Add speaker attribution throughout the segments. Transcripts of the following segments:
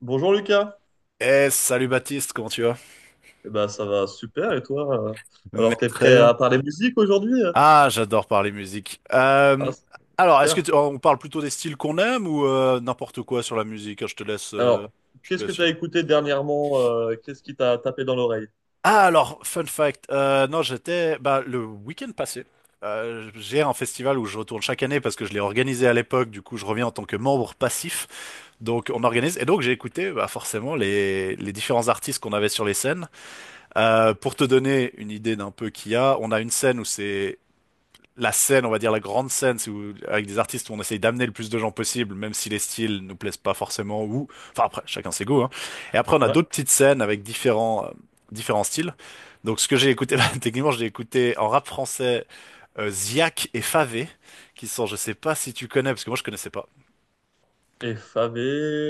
Speaker 1: Bonjour Lucas.
Speaker 2: Salut Baptiste, comment tu vas?
Speaker 1: Eh ben, ça va super et toi?
Speaker 2: Mais
Speaker 1: Alors t'es
Speaker 2: très
Speaker 1: prêt
Speaker 2: bien.
Speaker 1: à parler musique aujourd'hui?
Speaker 2: Ah, j'adore parler musique.
Speaker 1: Ah, c'est
Speaker 2: Alors,
Speaker 1: super.
Speaker 2: on parle plutôt des styles qu'on aime ou n'importe quoi sur la musique? Ah, je te laisse,
Speaker 1: Alors, qu'est-ce que t'as
Speaker 2: filer.
Speaker 1: écouté dernièrement? Qu'est-ce qui t'a tapé dans l'oreille?
Speaker 2: Ah, alors, fun fact. Non, j'étais le week-end passé. J'ai un festival où je retourne chaque année parce que je l'ai organisé à l'époque. Du coup, je reviens en tant que membre passif. Donc, on organise. Et donc, j'ai écouté forcément les différents artistes qu'on avait sur les scènes. Pour te donner une idée d'un peu qu'il y a, on a une scène où c'est la scène, on va dire la grande scène, c'est où, avec des artistes où on essaye d'amener le plus de gens possible, même si les styles nous plaisent pas forcément, ou, enfin après, chacun ses goûts, hein. Et après, on a
Speaker 1: Ouais.
Speaker 2: d'autres petites scènes avec différents, différents styles. Donc, ce que j'ai écouté, bah, techniquement, j'ai écouté en rap français, Ziak et Favé, qui sont, je sais pas si tu connais, parce que moi, je connaissais pas.
Speaker 1: FAV.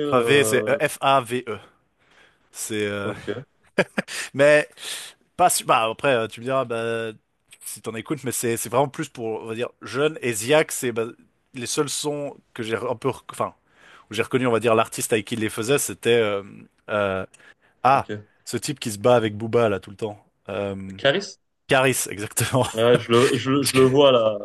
Speaker 2: Favé, c'est E-F-A-V-E. C'est,
Speaker 1: Ok.
Speaker 2: mais Pas su- Bah, après, tu me diras, bah, si t'en écoutes, mais c'est vraiment plus pour, on va dire, jeune. Et Ziak, c'est bah, les seuls sons que j'ai un peu, où j'ai reconnu, on va dire, l'artiste avec qui il les faisait, c'était euh, ah,
Speaker 1: Ok.
Speaker 2: ce type qui se bat avec Booba là tout le temps. Euh,
Speaker 1: Caris?
Speaker 2: Karis, exactement.
Speaker 1: Ouais, je le vois là.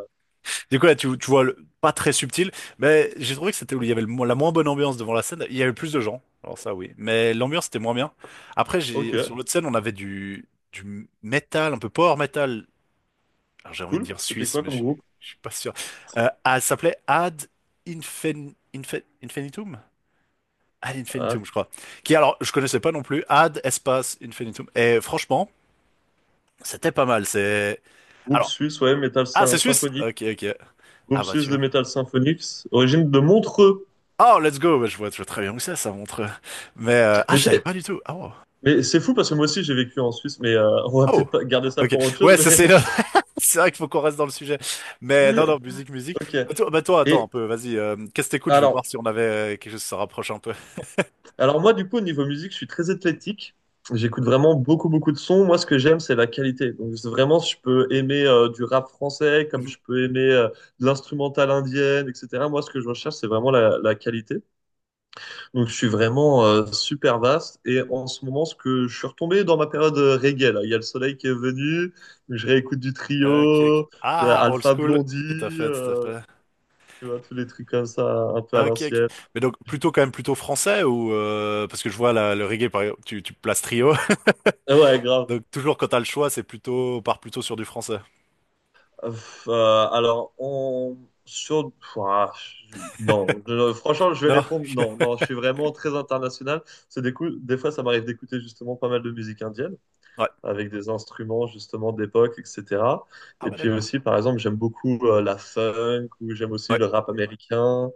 Speaker 2: Du coup, là, tu vois, pas très subtil, mais j'ai trouvé que c'était où il y avait la moins bonne ambiance devant la scène. Il y avait plus de gens, alors ça oui, mais l'ambiance était moins bien. Après, j'ai
Speaker 1: Ok.
Speaker 2: sur l'autre scène, on avait du métal, un peu power metal, alors j'ai envie de
Speaker 1: Cool.
Speaker 2: dire
Speaker 1: C'était
Speaker 2: suisse,
Speaker 1: quoi
Speaker 2: mais je
Speaker 1: comme
Speaker 2: suis
Speaker 1: groupe?
Speaker 2: je suis pas sûr. Ah, elle s'appelait Ad Infinitum? Ad Infinitum,
Speaker 1: Ah,
Speaker 2: je crois. Qui, alors, je connaissais pas non plus. Ad Espace Infinitum. Et franchement, c'était pas mal. C'est.
Speaker 1: groupe
Speaker 2: Alors,
Speaker 1: suisse, ouais, métal
Speaker 2: ah, c'est suisse?
Speaker 1: symphonique.
Speaker 2: Ok, ok. Ah,
Speaker 1: Groupe
Speaker 2: bah,
Speaker 1: suisse
Speaker 2: tu
Speaker 1: de
Speaker 2: vois.
Speaker 1: métal symphonique, origine de Montreux.
Speaker 2: Oh, let's go! Bah, je vois très bien où c'est, ça montre. Mais, ah,
Speaker 1: Mais
Speaker 2: je
Speaker 1: tu
Speaker 2: savais
Speaker 1: sais,
Speaker 2: pas du tout. Ah, wow.
Speaker 1: mais c'est fou parce que moi aussi j'ai vécu en Suisse, mais on va
Speaker 2: Oh!
Speaker 1: peut-être pas garder ça
Speaker 2: Ok.
Speaker 1: pour autre chose,
Speaker 2: Ouais, ça,
Speaker 1: mais.
Speaker 2: c'est. C'est vrai qu'il faut qu'on reste dans le sujet. Mais non, non, musique, musique.
Speaker 1: Ok.
Speaker 2: Bah, toi, attends un
Speaker 1: Et
Speaker 2: peu, vas-y. Qu'est-ce que t'écoutes? Je vais voir
Speaker 1: alors,
Speaker 2: si on avait quelque chose qui se rapproche un peu.
Speaker 1: alors moi, du coup, au niveau musique, je suis très athlétique. J'écoute vraiment beaucoup, beaucoup de sons. Moi, ce que j'aime, c'est la qualité. Donc, c'est vraiment, je peux aimer du rap français, comme
Speaker 2: Mhm.
Speaker 1: je peux aimer de l'instrumental indienne, etc. Moi, ce que je recherche, c'est vraiment la qualité. Donc, je suis vraiment super vaste. Et en ce moment, ce que je suis retombé dans ma période reggae, là. Il y a le soleil qui est venu. Je réécoute du
Speaker 2: Ok, ok.
Speaker 1: trio,
Speaker 2: Ah, old
Speaker 1: Alpha
Speaker 2: school. Tout à
Speaker 1: Blondie,
Speaker 2: fait, tout à
Speaker 1: euh,
Speaker 2: fait.
Speaker 1: tu vois, tous les trucs comme ça, un peu à
Speaker 2: Ok, ok.
Speaker 1: l'ancienne.
Speaker 2: Mais donc plutôt quand même plutôt français ou parce que je vois le reggae par exemple, tu places trio.
Speaker 1: Ah, ouais, grave.
Speaker 2: Donc toujours quand t'as le choix, c'est plutôt on part plutôt sur du français.
Speaker 1: Alors, on... Sur... Ouah, non, franchement, je vais
Speaker 2: Non?
Speaker 1: répondre non. Non, je suis vraiment très international. C'est des coups... des fois, ça m'arrive d'écouter justement pas mal de musique indienne
Speaker 2: Ouais.
Speaker 1: avec des instruments justement d'époque, etc.
Speaker 2: Ah
Speaker 1: Et
Speaker 2: ouais,
Speaker 1: puis
Speaker 2: d'accord.
Speaker 1: aussi, par exemple, j'aime beaucoup la funk ou j'aime aussi
Speaker 2: Ouais.
Speaker 1: le rap américain.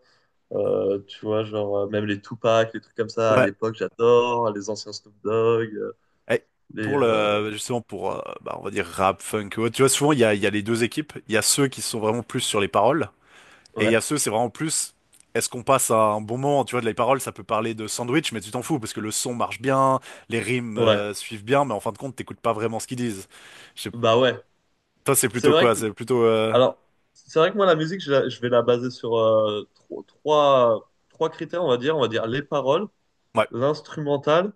Speaker 1: Tu vois, genre même les Tupac, les trucs comme ça à
Speaker 2: Ouais.
Speaker 1: l'époque, j'adore. Les anciens Snoop Dogg,
Speaker 2: Eh,
Speaker 1: les...
Speaker 2: pour le Justement pour bah, on va dire rap, funk, ouais. Tu vois souvent il y a les deux équipes. Il y a ceux qui sont vraiment plus sur les paroles. Et il y
Speaker 1: Ouais,
Speaker 2: a ceux, c'est vraiment plus. Est-ce qu'on passe à un bon moment? Tu vois, de les paroles, ça peut parler de sandwich, mais tu t'en fous parce que le son marche bien, les rimes
Speaker 1: ouais.
Speaker 2: suivent bien, mais en fin de compte, t'écoutes pas vraiment ce qu'ils disent. Je sais-
Speaker 1: Bah ouais.
Speaker 2: Toi, c'est
Speaker 1: C'est
Speaker 2: plutôt
Speaker 1: vrai
Speaker 2: quoi? C'est plutôt.
Speaker 1: Alors, c'est vrai que moi, la musique, je vais la baser sur trois critères, on va dire. On va dire les paroles,
Speaker 2: Ouais.
Speaker 1: l'instrumental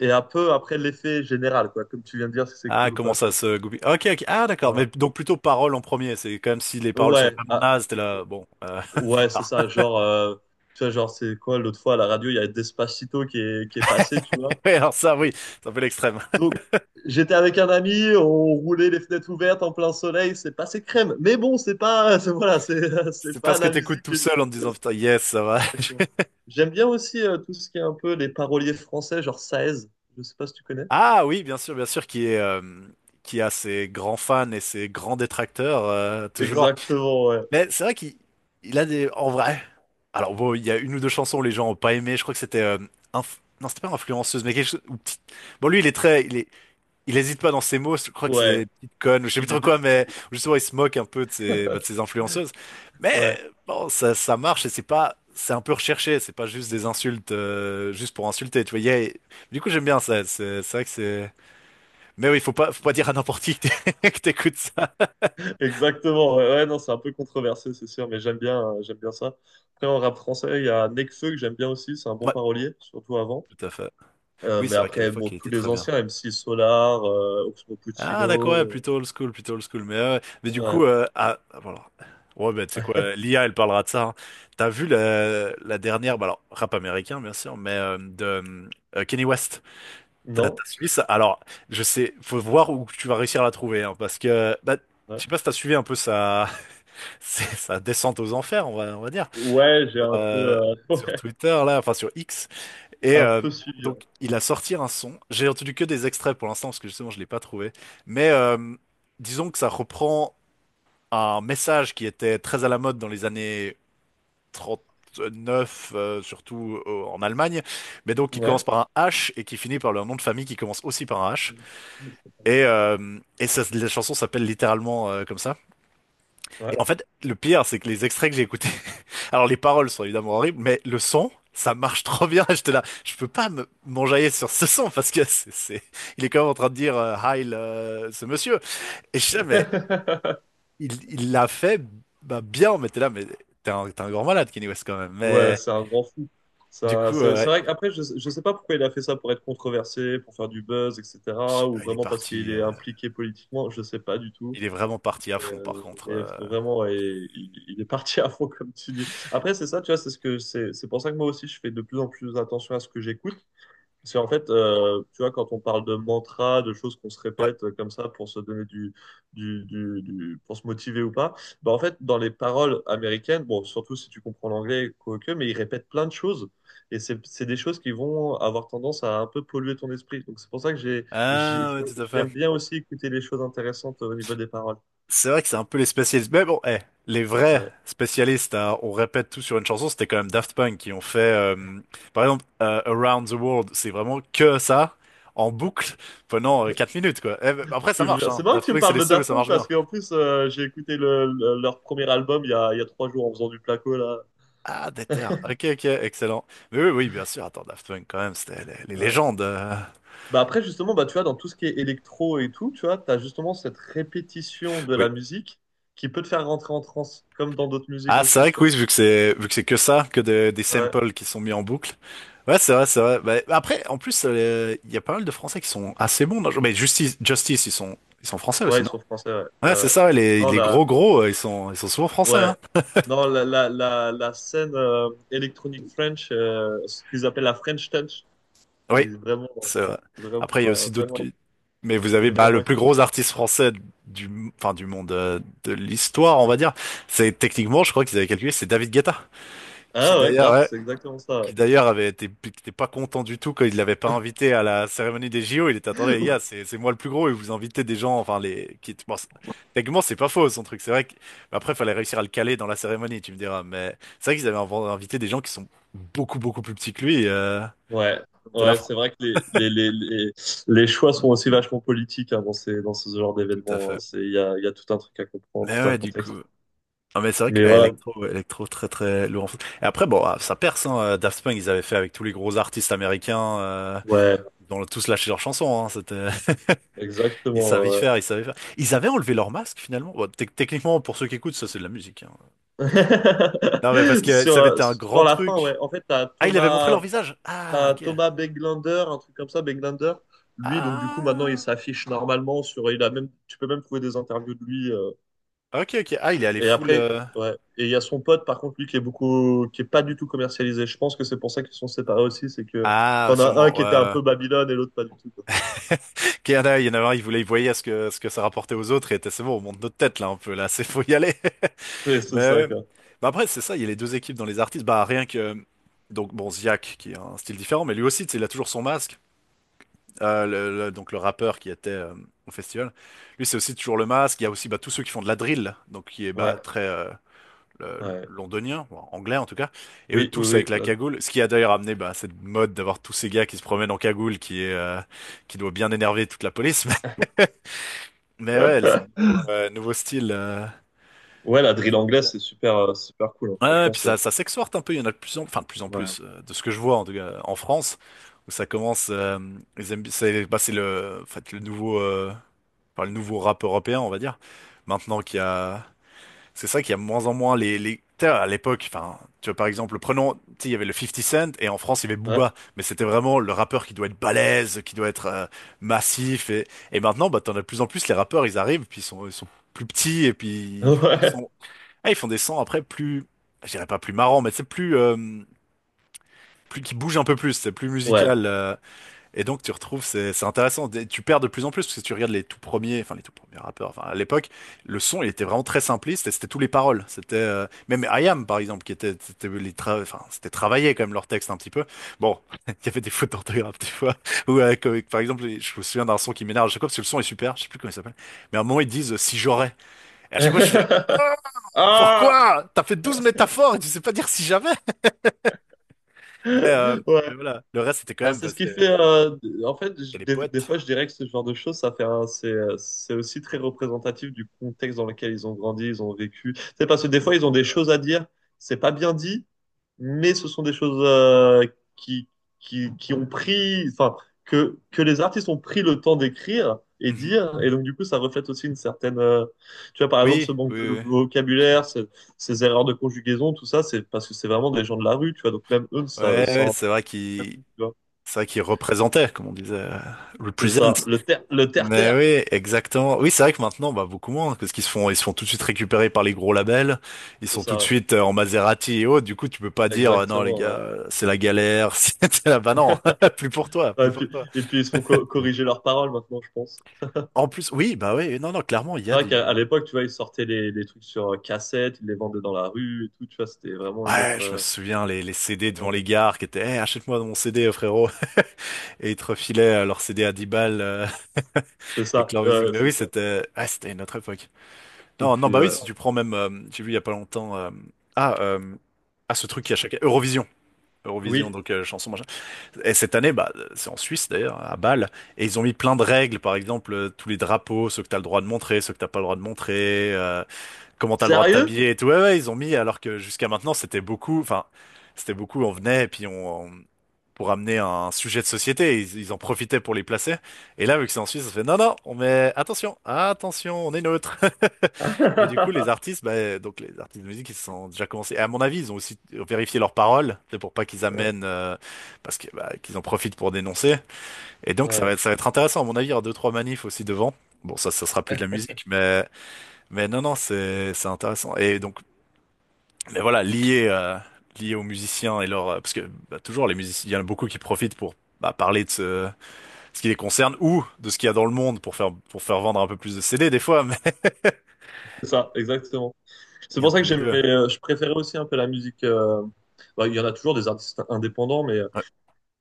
Speaker 1: et un peu après l'effet général, quoi. Comme tu viens de dire, si c'est
Speaker 2: Ah,
Speaker 1: cool ou
Speaker 2: comment
Speaker 1: pas, tu
Speaker 2: ça
Speaker 1: vois.
Speaker 2: se goupille? Ok, ok. Ah, d'accord. Mais
Speaker 1: Voilà.
Speaker 2: donc plutôt paroles en premier. C'est quand même si les paroles sont
Speaker 1: Ouais,
Speaker 2: vraiment
Speaker 1: ah,
Speaker 2: nazes, t'es là. Bon, plus
Speaker 1: ouais, c'est
Speaker 2: tard.
Speaker 1: ça. Genre, tu vois, genre, c'est quoi, l'autre fois à la radio, il y a Despacito qui est passé, tu vois.
Speaker 2: Ouais, alors ça, oui, c'est un peu l'extrême.
Speaker 1: Donc, j'étais avec un ami, on roulait les fenêtres ouvertes en plein soleil, c'est passé crème. Mais bon, c'est pas, voilà, c'est
Speaker 2: C'est
Speaker 1: pas
Speaker 2: parce que
Speaker 1: la
Speaker 2: t'écoutes
Speaker 1: musique
Speaker 2: tout
Speaker 1: que
Speaker 2: seul en te
Speaker 1: je...
Speaker 2: disant putain, yes, ça va.
Speaker 1: Exactement. J'aime bien aussi tout ce qui est un peu les paroliers français, genre Saez, je sais pas si tu connais.
Speaker 2: Ah oui, bien sûr, qui est, qui a ses grands fans et ses grands détracteurs, toujours.
Speaker 1: Exactement, ouais.
Speaker 2: Mais c'est vrai qu'il a des… En vrai… Alors bon, il y a une ou deux chansons où les gens ont pas aimé, je crois que c'était… Non, c'était pas influenceuse, mais quelque chose… ou Bon, lui, il est très… Il est… il hésite pas dans ses mots, je crois que c'est des
Speaker 1: Ouais,
Speaker 2: petites connes, ou je sais plus
Speaker 1: il est
Speaker 2: trop
Speaker 1: dé-
Speaker 2: quoi, mais justement, il se moque un peu de ses, bah, de ses influenceuses. Mais
Speaker 1: ouais,
Speaker 2: bon, ça marche et c'est pas… C'est un peu recherché, c'est pas juste des insultes, juste pour insulter, tu vois. Du coup, j'aime bien ça, c'est vrai que c'est… Mais oui, faut pas dire à n'importe qui que que t'écoutes ça.
Speaker 1: exactement. Ouais, ouais, non, c'est un peu controversé, c'est sûr, mais j'aime bien ça. Après en rap français, il y a Nekfeu que j'aime bien aussi, c'est un bon
Speaker 2: Ouais,
Speaker 1: parolier, surtout avant.
Speaker 2: tout à fait. Oui,
Speaker 1: Mais
Speaker 2: c'est vrai qu'à
Speaker 1: après bon,
Speaker 2: l'époque, il
Speaker 1: tous
Speaker 2: était
Speaker 1: les
Speaker 2: très bien.
Speaker 1: anciens M C Solar, Oxmo
Speaker 2: Ah, d'accord,
Speaker 1: Puccino,
Speaker 2: ouais, plutôt old school, plutôt old school. Mais du coup,
Speaker 1: ouais.
Speaker 2: voilà. Ouais, ben, tu sais quoi, l'IA, elle parlera de ça. Hein. T'as vu la dernière, bah, alors, rap américain, bien sûr, mais de Kanye West. T'as
Speaker 1: Non?
Speaker 2: t'as suivi ça? Alors, je sais, faut voir où tu vas réussir à la trouver, hein, parce que, bah, je
Speaker 1: Ouais,
Speaker 2: sais pas si t'as suivi un peu sa, sa descente aux enfers, on va dire,
Speaker 1: ouais, j'ai
Speaker 2: sur,
Speaker 1: un peu
Speaker 2: euh, sur Twitter, là, enfin, sur X. Et
Speaker 1: un peu suivi.
Speaker 2: donc, il a sorti un son. J'ai entendu que des extraits pour l'instant, parce que justement, je l'ai pas trouvé. Mais disons que ça reprend un message qui était très à la mode dans les années 39, surtout en Allemagne. Mais donc, qui
Speaker 1: Ouais.
Speaker 2: commence par un H et qui finit par leur nom de famille qui commence aussi par un H. Et ça, la chanson s'appelle littéralement comme ça.
Speaker 1: Ouais.
Speaker 2: Et en fait, le pire, c'est que les extraits que j'ai écoutés, alors les paroles sont évidemment horribles, mais le son, ça marche trop bien. J'étais là, je peux pas me m'enjailler sur ce son parce que c'est- il est quand même en train de dire Heil ce monsieur. Et je sais,
Speaker 1: Ouais.
Speaker 2: mais il l'a fait bah, bien. Mais t'es là, mais t'es un grand malade, Kenny West quand même.
Speaker 1: Ouais,
Speaker 2: Mais
Speaker 1: c'est un grand fou.
Speaker 2: du
Speaker 1: Ça,
Speaker 2: coup,
Speaker 1: c'est c'est vrai qu'après, je sais pas pourquoi il a fait ça pour être controversé, pour faire du buzz,
Speaker 2: je sais
Speaker 1: etc. Ou
Speaker 2: pas, il est
Speaker 1: vraiment parce qu'il
Speaker 2: parti,
Speaker 1: est impliqué politiquement, je sais pas du tout.
Speaker 2: il est vraiment parti à
Speaker 1: Mais,
Speaker 2: fond
Speaker 1: euh,
Speaker 2: par contre.
Speaker 1: mais vraiment, ouais, il est parti à fond, comme tu dis. Après, c'est ça, tu vois, c'est ce que c'est pour ça que moi aussi, je fais de plus en plus attention à ce que j'écoute. C'est en fait, tu vois, quand on parle de mantra, de choses qu'on se
Speaker 2: Ouais.
Speaker 1: répète comme ça pour se donner du pour se motiver ou pas, bah en fait, dans les paroles américaines, bon, surtout si tu comprends l'anglais, quoique, mais ils répètent plein de choses et c'est des choses qui vont avoir tendance à un peu polluer ton esprit. Donc c'est pour ça que
Speaker 2: Ah ouais, tout à
Speaker 1: j'aime
Speaker 2: fait.
Speaker 1: bien aussi écouter les choses intéressantes au niveau des paroles.
Speaker 2: C'est vrai que c'est un peu les spécialistes. Mais bon, eh, les vrais
Speaker 1: Ouais.
Speaker 2: spécialistes, hein, on répète tout sur une chanson, c'était quand même Daft Punk qui ont fait, par exemple, Around the World, c'est vraiment que ça, en boucle, pendant 4 minutes, quoi. Eh, ben,
Speaker 1: Je
Speaker 2: après, ça
Speaker 1: te
Speaker 2: marche,
Speaker 1: jure. C'est
Speaker 2: hein.
Speaker 1: marrant que
Speaker 2: Daft
Speaker 1: tu me
Speaker 2: Punk, c'est
Speaker 1: parles
Speaker 2: les
Speaker 1: de
Speaker 2: seuls où
Speaker 1: Daft
Speaker 2: ça
Speaker 1: Punk
Speaker 2: marche bien.
Speaker 1: parce qu'en plus, j'ai écouté leur premier album il y a 3 jours en faisant du placo là.
Speaker 2: Ah, déter. Ok, ok, excellent. Mais oui, oui, bien sûr. Attends, Daft Punk, quand même, c'était les
Speaker 1: Ouais.
Speaker 2: légendes.
Speaker 1: Bah après, justement, bah, tu vois, dans tout ce qui est électro et tout, tu vois, tu as justement cette répétition de la musique qui peut te faire rentrer en transe, comme dans d'autres musiques
Speaker 2: Ah, c'est
Speaker 1: aussi,
Speaker 2: vrai
Speaker 1: tu
Speaker 2: que
Speaker 1: vois.
Speaker 2: oui, vu que c'est que ça, que des
Speaker 1: Ouais,
Speaker 2: samples qui sont mis en boucle. Ouais, c'est vrai, c'est vrai. Bah, après, en plus, il y a pas mal de Français qui sont assez bons. Dans le jeu. Mais Justice, ils sont français
Speaker 1: ouais,
Speaker 2: aussi,
Speaker 1: ils
Speaker 2: non?
Speaker 1: sont français, ouais.
Speaker 2: Ouais, c'est ça. Ouais, Les
Speaker 1: Dans
Speaker 2: les
Speaker 1: la,
Speaker 2: gros gros, ils sont souvent français. Hein.
Speaker 1: ouais, dans la scène électronique French, ce qu'ils appellent la French Touch,
Speaker 2: Oui,
Speaker 1: c'est vraiment,
Speaker 2: c'est vrai.
Speaker 1: vraiment,
Speaker 2: Après, il y a aussi d'autres.
Speaker 1: vraiment,
Speaker 2: Mais vous avez
Speaker 1: et
Speaker 2: bah, le
Speaker 1: vraiment.
Speaker 2: plus gros artiste français du enfin du monde de l'histoire, on va dire. C'est techniquement, je crois qu'ils avaient calculé, c'est David Guetta, qui
Speaker 1: Ah, ouais,
Speaker 2: d'ailleurs,
Speaker 1: grave,
Speaker 2: ouais,
Speaker 1: c'est exactement ça.
Speaker 2: qui d'ailleurs avait été, qui était pas content du tout quand il l'avait pas invité à la cérémonie des JO. Il était, attendez, les gars, c'est moi le plus gros et vous invitez des gens, enfin, les, qui, bon, techniquement, c'est pas faux, son truc. C'est vrai que, mais après, fallait réussir à le caler dans la cérémonie, tu me diras. Mais c'est vrai qu'ils avaient invité des gens qui sont beaucoup plus petits que lui,
Speaker 1: Ouais,
Speaker 2: de la
Speaker 1: ouais,
Speaker 2: France.
Speaker 1: c'est vrai que les choix sont aussi vachement politiques, hein, dans dans ce genre
Speaker 2: Tout à
Speaker 1: d'événements, hein.
Speaker 2: fait.
Speaker 1: C'est, il y a tout un truc à comprendre,
Speaker 2: Mais
Speaker 1: tout un
Speaker 2: ouais, du
Speaker 1: contexte.
Speaker 2: coup. Ah, mais c'est vrai
Speaker 1: Mais
Speaker 2: que
Speaker 1: voilà,
Speaker 2: Electro, très lourd en foot. Et après, bon, ah, ça perce, hein. Daft Punk, ils avaient fait avec tous les gros artistes américains,
Speaker 1: ouais,
Speaker 2: ils ont tous lâché leurs chansons, hein. C'était, ils savent
Speaker 1: exactement.
Speaker 2: y
Speaker 1: Ouais.
Speaker 2: faire, ils savent y faire. Ils avaient enlevé leur masque finalement. Bon, techniquement, pour ceux qui écoutent, ça c'est de la musique. Hein. Attention. Non mais parce que
Speaker 1: Sur,
Speaker 2: ça avait
Speaker 1: euh,
Speaker 2: été un
Speaker 1: sur
Speaker 2: grand
Speaker 1: la fin,
Speaker 2: truc.
Speaker 1: ouais. En fait,
Speaker 2: Ah, il avait montré leur visage. Ah,
Speaker 1: T'as
Speaker 2: ok.
Speaker 1: Thomas, Beglander, un truc comme ça, Beglander. Lui, donc du coup, maintenant, il
Speaker 2: Ah.
Speaker 1: s'affiche normalement sur. Il a même, tu peux même trouver des interviews de lui.
Speaker 2: Ok, ok. Ah, il est allé
Speaker 1: Et
Speaker 2: full.
Speaker 1: après, ouais. Et il y a son pote, par contre, lui, qui est pas du tout commercialisé. Je pense que c'est pour ça qu'ils sont séparés aussi, c'est que
Speaker 2: Ah,
Speaker 1: t'en as un
Speaker 2: sûrement.
Speaker 1: qui était un
Speaker 2: Ouais.
Speaker 1: peu Babylone et l'autre pas du tout, quoi.
Speaker 2: Ok, il y en a il y en a un, il voulait, il voyait ce que ça rapportait aux autres et il était, c'est bon, on monte notre tête là un peu là, c'est faut y aller.
Speaker 1: C'est c'est
Speaker 2: Mais,
Speaker 1: ça,
Speaker 2: euh,
Speaker 1: quoi.
Speaker 2: bah après, c'est ça, il y a les deux équipes dans les artistes. Bah rien que. Donc bon, Ziak, qui a un style différent, mais lui aussi, tu sais, il a toujours son masque. Donc le rappeur qui était au festival. Lui, c'est aussi toujours le masque. Il y a aussi bah, tous ceux qui font de la drill, donc qui est
Speaker 1: Ouais,
Speaker 2: bah, très
Speaker 1: ouais.
Speaker 2: londonien, ou anglais en tout cas. Et eux
Speaker 1: Oui,
Speaker 2: tous avec
Speaker 1: oui,
Speaker 2: la
Speaker 1: oui.
Speaker 2: cagoule, ce qui a d'ailleurs amené bah, cette mode d'avoir tous ces gars qui se promènent en cagoule, qui est qui doit bien énerver toute la police. Mais ouais, c'est le
Speaker 1: La...
Speaker 2: nouveau, nouveau style.
Speaker 1: Ouais, la drill anglaise, c'est super cool, hein.
Speaker 2: Ouais, ouais,
Speaker 1: Franchement,
Speaker 2: puis ça s'exporte un peu, il y en a enfin, de plus en
Speaker 1: ouais,
Speaker 2: plus, de ce que je vois en tout cas en France, où ça commence, ils aiment- c'est bah, c'est le, en fait, le nouveau, enfin le nouveau rap européen, on va dire. Maintenant qu'il y a, c'est ça qu'il y a de moins en moins les... tu sais, à l'époque, enfin, tu vois par exemple, prenons, tu sais, il y avait le fifty Cent et en France il y avait
Speaker 1: ouais,
Speaker 2: Booba, mais c'était vraiment le rappeur qui doit être balèze, qui doit être massif et maintenant bah t'en as de plus en plus les rappeurs, ils arrivent puis ils sont plus petits et puis ils font des
Speaker 1: ouais,
Speaker 2: sons, ah, ils font des sons après plus, je dirais pas plus marrants, mais c'est plus plus qui bougent un peu plus, c'est plus
Speaker 1: ouais.
Speaker 2: musical. Et donc tu retrouves, c'est intéressant, Des- tu perds de plus en plus, parce que tu regardes les tout premiers, enfin les tout premiers rappeurs, enfin à l'époque, le son il était vraiment très simpliste et c'était tous les paroles. C'était même IAM par exemple, qui était, c'était les tra- enfin, c'était travaillé quand même leur texte un petit peu. Bon, il y avait des fautes d'orthographe des fois, ou comme- par exemple, je me souviens d'un son qui m'énerve à chaque fois, parce que le son est super, je sais plus comment il s'appelle, mais à un moment ils disent si j'aurais. Et à chaque fois je suis là, Ah,
Speaker 1: Ah!
Speaker 2: pourquoi? T'as fait 12 métaphores et tu sais pas dire si j'avais. Mais, euh, mais
Speaker 1: Ouais.
Speaker 2: voilà, le reste c'était quand
Speaker 1: Ben,
Speaker 2: même,
Speaker 1: c'est
Speaker 2: bah,
Speaker 1: ce qui fait.
Speaker 2: c'était
Speaker 1: En fait,
Speaker 2: c'était les
Speaker 1: des, des
Speaker 2: poètes.
Speaker 1: fois, je dirais que ce genre de choses, c'est aussi très représentatif du contexte dans lequel ils ont grandi, ils ont vécu. C'est parce que des fois, ils ont des choses à dire. C'est pas bien dit, mais ce sont des choses qui, qui ont pris, enfin, que les artistes ont pris le temps d'écrire et
Speaker 2: Mhm.
Speaker 1: dire. Et donc, du coup, ça reflète aussi une certaine. Tu vois, par exemple,
Speaker 2: Oui,
Speaker 1: ce manque
Speaker 2: oui,
Speaker 1: de
Speaker 2: oui.
Speaker 1: vocabulaire, ces erreurs de conjugaison, tout ça, c'est parce que c'est vraiment des gens de la rue, tu vois. Donc, même eux, ça,
Speaker 2: Ouais,
Speaker 1: ça
Speaker 2: ouais,
Speaker 1: en- tu vois.
Speaker 2: c'est vrai qu'il représentait, comme on disait,
Speaker 1: C'est
Speaker 2: represent.
Speaker 1: ça, le le
Speaker 2: Mais
Speaker 1: terre-terre.
Speaker 2: oui, exactement. Oui, c'est vrai que maintenant, bah, beaucoup moins, parce qu'ils se font, ils se font tout de suite récupérer par les gros labels. Ils
Speaker 1: C'est
Speaker 2: sont tout de
Speaker 1: ça, ouais.
Speaker 2: suite en Maserati et autres. Du coup, tu peux pas dire, non, les
Speaker 1: Exactement,
Speaker 2: gars,
Speaker 1: ouais.
Speaker 2: c'est la galère, c'est la, bah non, plus pour toi,
Speaker 1: Ouais,
Speaker 2: plus
Speaker 1: et
Speaker 2: pour
Speaker 1: puis,
Speaker 2: toi.
Speaker 1: et puis ils se font corriger leurs paroles maintenant, je pense.
Speaker 2: En plus, oui, bah oui, non, non, clairement, il y
Speaker 1: C'est
Speaker 2: a
Speaker 1: vrai qu'à à
Speaker 2: du,
Speaker 1: l'époque, tu vois, ils sortaient les trucs sur cassette, ils les vendaient dans la rue et tout, tu vois, c'était vraiment une
Speaker 2: ouais,
Speaker 1: autre...
Speaker 2: je me souviens, les CD
Speaker 1: vraiment
Speaker 2: devant
Speaker 1: une
Speaker 2: les
Speaker 1: autre-
Speaker 2: gares qui étaient, Eh, achète-moi mon CD, frérot. Et ils te refilaient leur CD à 10 balles,
Speaker 1: C'est
Speaker 2: avec
Speaker 1: ça,
Speaker 2: leur musique.
Speaker 1: ouais,
Speaker 2: Mais
Speaker 1: c'est
Speaker 2: oui,
Speaker 1: ça.
Speaker 2: c'était, ah, c'était une autre époque.
Speaker 1: Et
Speaker 2: Non, non,
Speaker 1: puis,
Speaker 2: bah oui,
Speaker 1: ouais.
Speaker 2: si tu prends même, j'ai vu il y a pas longtemps, ah, euh, ah, ce truc qui a chaque Eurovision, Eurovision,
Speaker 1: Oui.
Speaker 2: donc chanson machin. Et cette année, bah, c'est en Suisse d'ailleurs, à Bâle, et ils ont mis plein de règles, par exemple, tous les drapeaux, ceux que t'as le droit de montrer, ceux que t'as pas le droit de montrer. Comment t'as le droit de
Speaker 1: Sérieux?
Speaker 2: t'habiller et tout. Ouais, ouais, ils ont mis, alors que jusqu'à maintenant, c'était beaucoup, enfin, c'était beaucoup, on venait et puis on- pour amener un sujet de société, ils en profitaient pour les placer. Et là, vu que c'est en Suisse, ça fait non, non, on met, attention, attention, on est neutre. Mais du coup, les artistes, bah, donc les artistes de musique, ils se sont déjà commencés. Et à mon avis, ils ont aussi vérifié leurs paroles, c'est pour pas qu'ils
Speaker 1: Ouais,
Speaker 2: amènent, parce que, bah, qu'ils en profitent pour dénoncer. Et donc,
Speaker 1: ouais.
Speaker 2: ça va être intéressant, à mon avis, il y aura deux, trois manifs aussi devant. Bon, ça sera plus de la musique, mais non, non, c'est intéressant. Et donc, mais voilà, lié lié aux musiciens et leur parce que bah, toujours les musiciens, il y en a beaucoup qui profitent pour bah, parler de ce, ce qui les concerne ou de ce qu'il y a dans le monde pour faire vendre un peu plus de CD des fois, mais
Speaker 1: C'est ça, exactement. C'est
Speaker 2: et un
Speaker 1: pour ça
Speaker 2: peu
Speaker 1: que
Speaker 2: les deux.
Speaker 1: je préférais aussi un peu la musique. Bah, il y en a toujours des artistes indépendants, mais
Speaker 2: Ouais.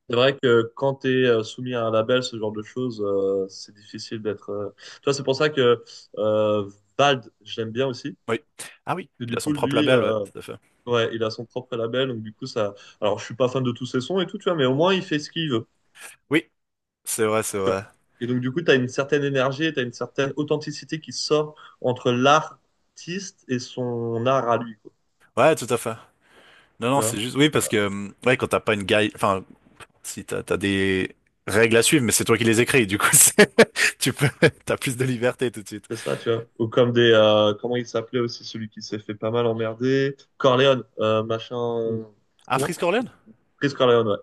Speaker 1: c'est vrai que quand tu es soumis à un label, ce genre de choses, c'est difficile d'être. Tu vois, c'est pour ça que euh, Vald, je l'aime bien aussi.
Speaker 2: Oui. Ah oui,
Speaker 1: Que
Speaker 2: il
Speaker 1: du
Speaker 2: a son
Speaker 1: coup,
Speaker 2: propre
Speaker 1: lui,
Speaker 2: label, ouais, tout à fait.
Speaker 1: ouais, il a son propre label. Donc, du coup, ça. Alors, je suis pas fan de tous ses sons et tout, tu vois, mais au moins, il fait ce qu'il veut.
Speaker 2: Oui, c'est vrai, c'est
Speaker 1: Tu vois.
Speaker 2: vrai.
Speaker 1: Et donc, du coup, tu as une certaine énergie, tu as une certaine authenticité qui sort entre l'artiste et son art à lui, quoi.
Speaker 2: Ouais, tout à fait. Non,
Speaker 1: Tu
Speaker 2: non,
Speaker 1: vois,
Speaker 2: c'est juste oui parce que ouais quand t'as pas une guide, enfin si t'as des règles à suivre, mais c'est toi qui les écris, du coup c'est- tu peux t'as plus de liberté tout de suite.
Speaker 1: c'est ça, tu vois. Ou comme des. Comment il s'appelait aussi, celui qui s'est fait pas mal emmerder? Corleone, machin.
Speaker 2: Ah, Free
Speaker 1: Comment? Chris Corleone, ouais.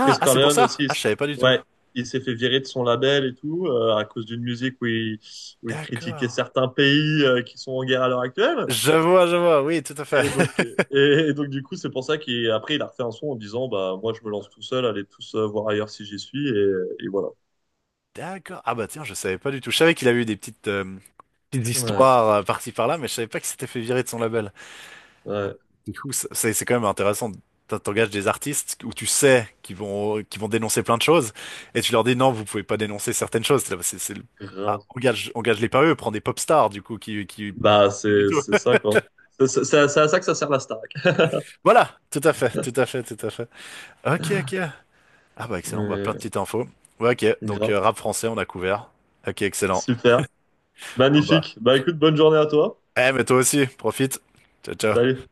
Speaker 1: Chris
Speaker 2: ah c'est pour
Speaker 1: Corleone aussi,
Speaker 2: ça? Ah, je savais pas du tout.
Speaker 1: ouais, il s'est fait virer de son label et tout, à cause d'une musique où il critiquait
Speaker 2: D'accord.
Speaker 1: certains pays qui sont en guerre à l'heure actuelle.
Speaker 2: Je vois, oui, tout à
Speaker 1: Et
Speaker 2: fait.
Speaker 1: donc, et, et donc du coup, c'est pour ça qu'il, après, il a refait un son en disant, bah, moi, je me lance tout seul, allez tous voir ailleurs si j'y suis, et voilà.
Speaker 2: D'accord. Ah bah tiens, je savais pas du tout. Je savais qu'il avait eu des petites, petites
Speaker 1: Ouais,
Speaker 2: histoires par-ci par-là, mais je savais pas qu'il s'était fait virer de son label.
Speaker 1: ouais,
Speaker 2: Du coup, c- c'est quand même intéressant. T'en- T'engages des artistes où tu sais qu'ils vont dénoncer plein de choses, et tu leur dis non, vous pouvez pas dénoncer certaines choses. C'est le- ah,
Speaker 1: grave.
Speaker 2: engage, engage-les pas eux, prends des pop stars, du coup, qui,
Speaker 1: Bah,
Speaker 2: du
Speaker 1: c'est,
Speaker 2: tout.
Speaker 1: c'est ça, quoi. C'est à ça que ça sert la Starac.
Speaker 2: Voilà, tout à fait, tout à fait, tout à fait. Ok, ok. Ah bah excellent, bah plein de
Speaker 1: Ouais,
Speaker 2: petites infos. Ouais, ok, donc
Speaker 1: grave.
Speaker 2: rap français, on a couvert. Ok, excellent.
Speaker 1: Super.
Speaker 2: Oh bah.
Speaker 1: Magnifique. Bah, écoute, bonne journée à toi.
Speaker 2: Eh, mais toi aussi, profite. Ciao, ciao.
Speaker 1: Salut.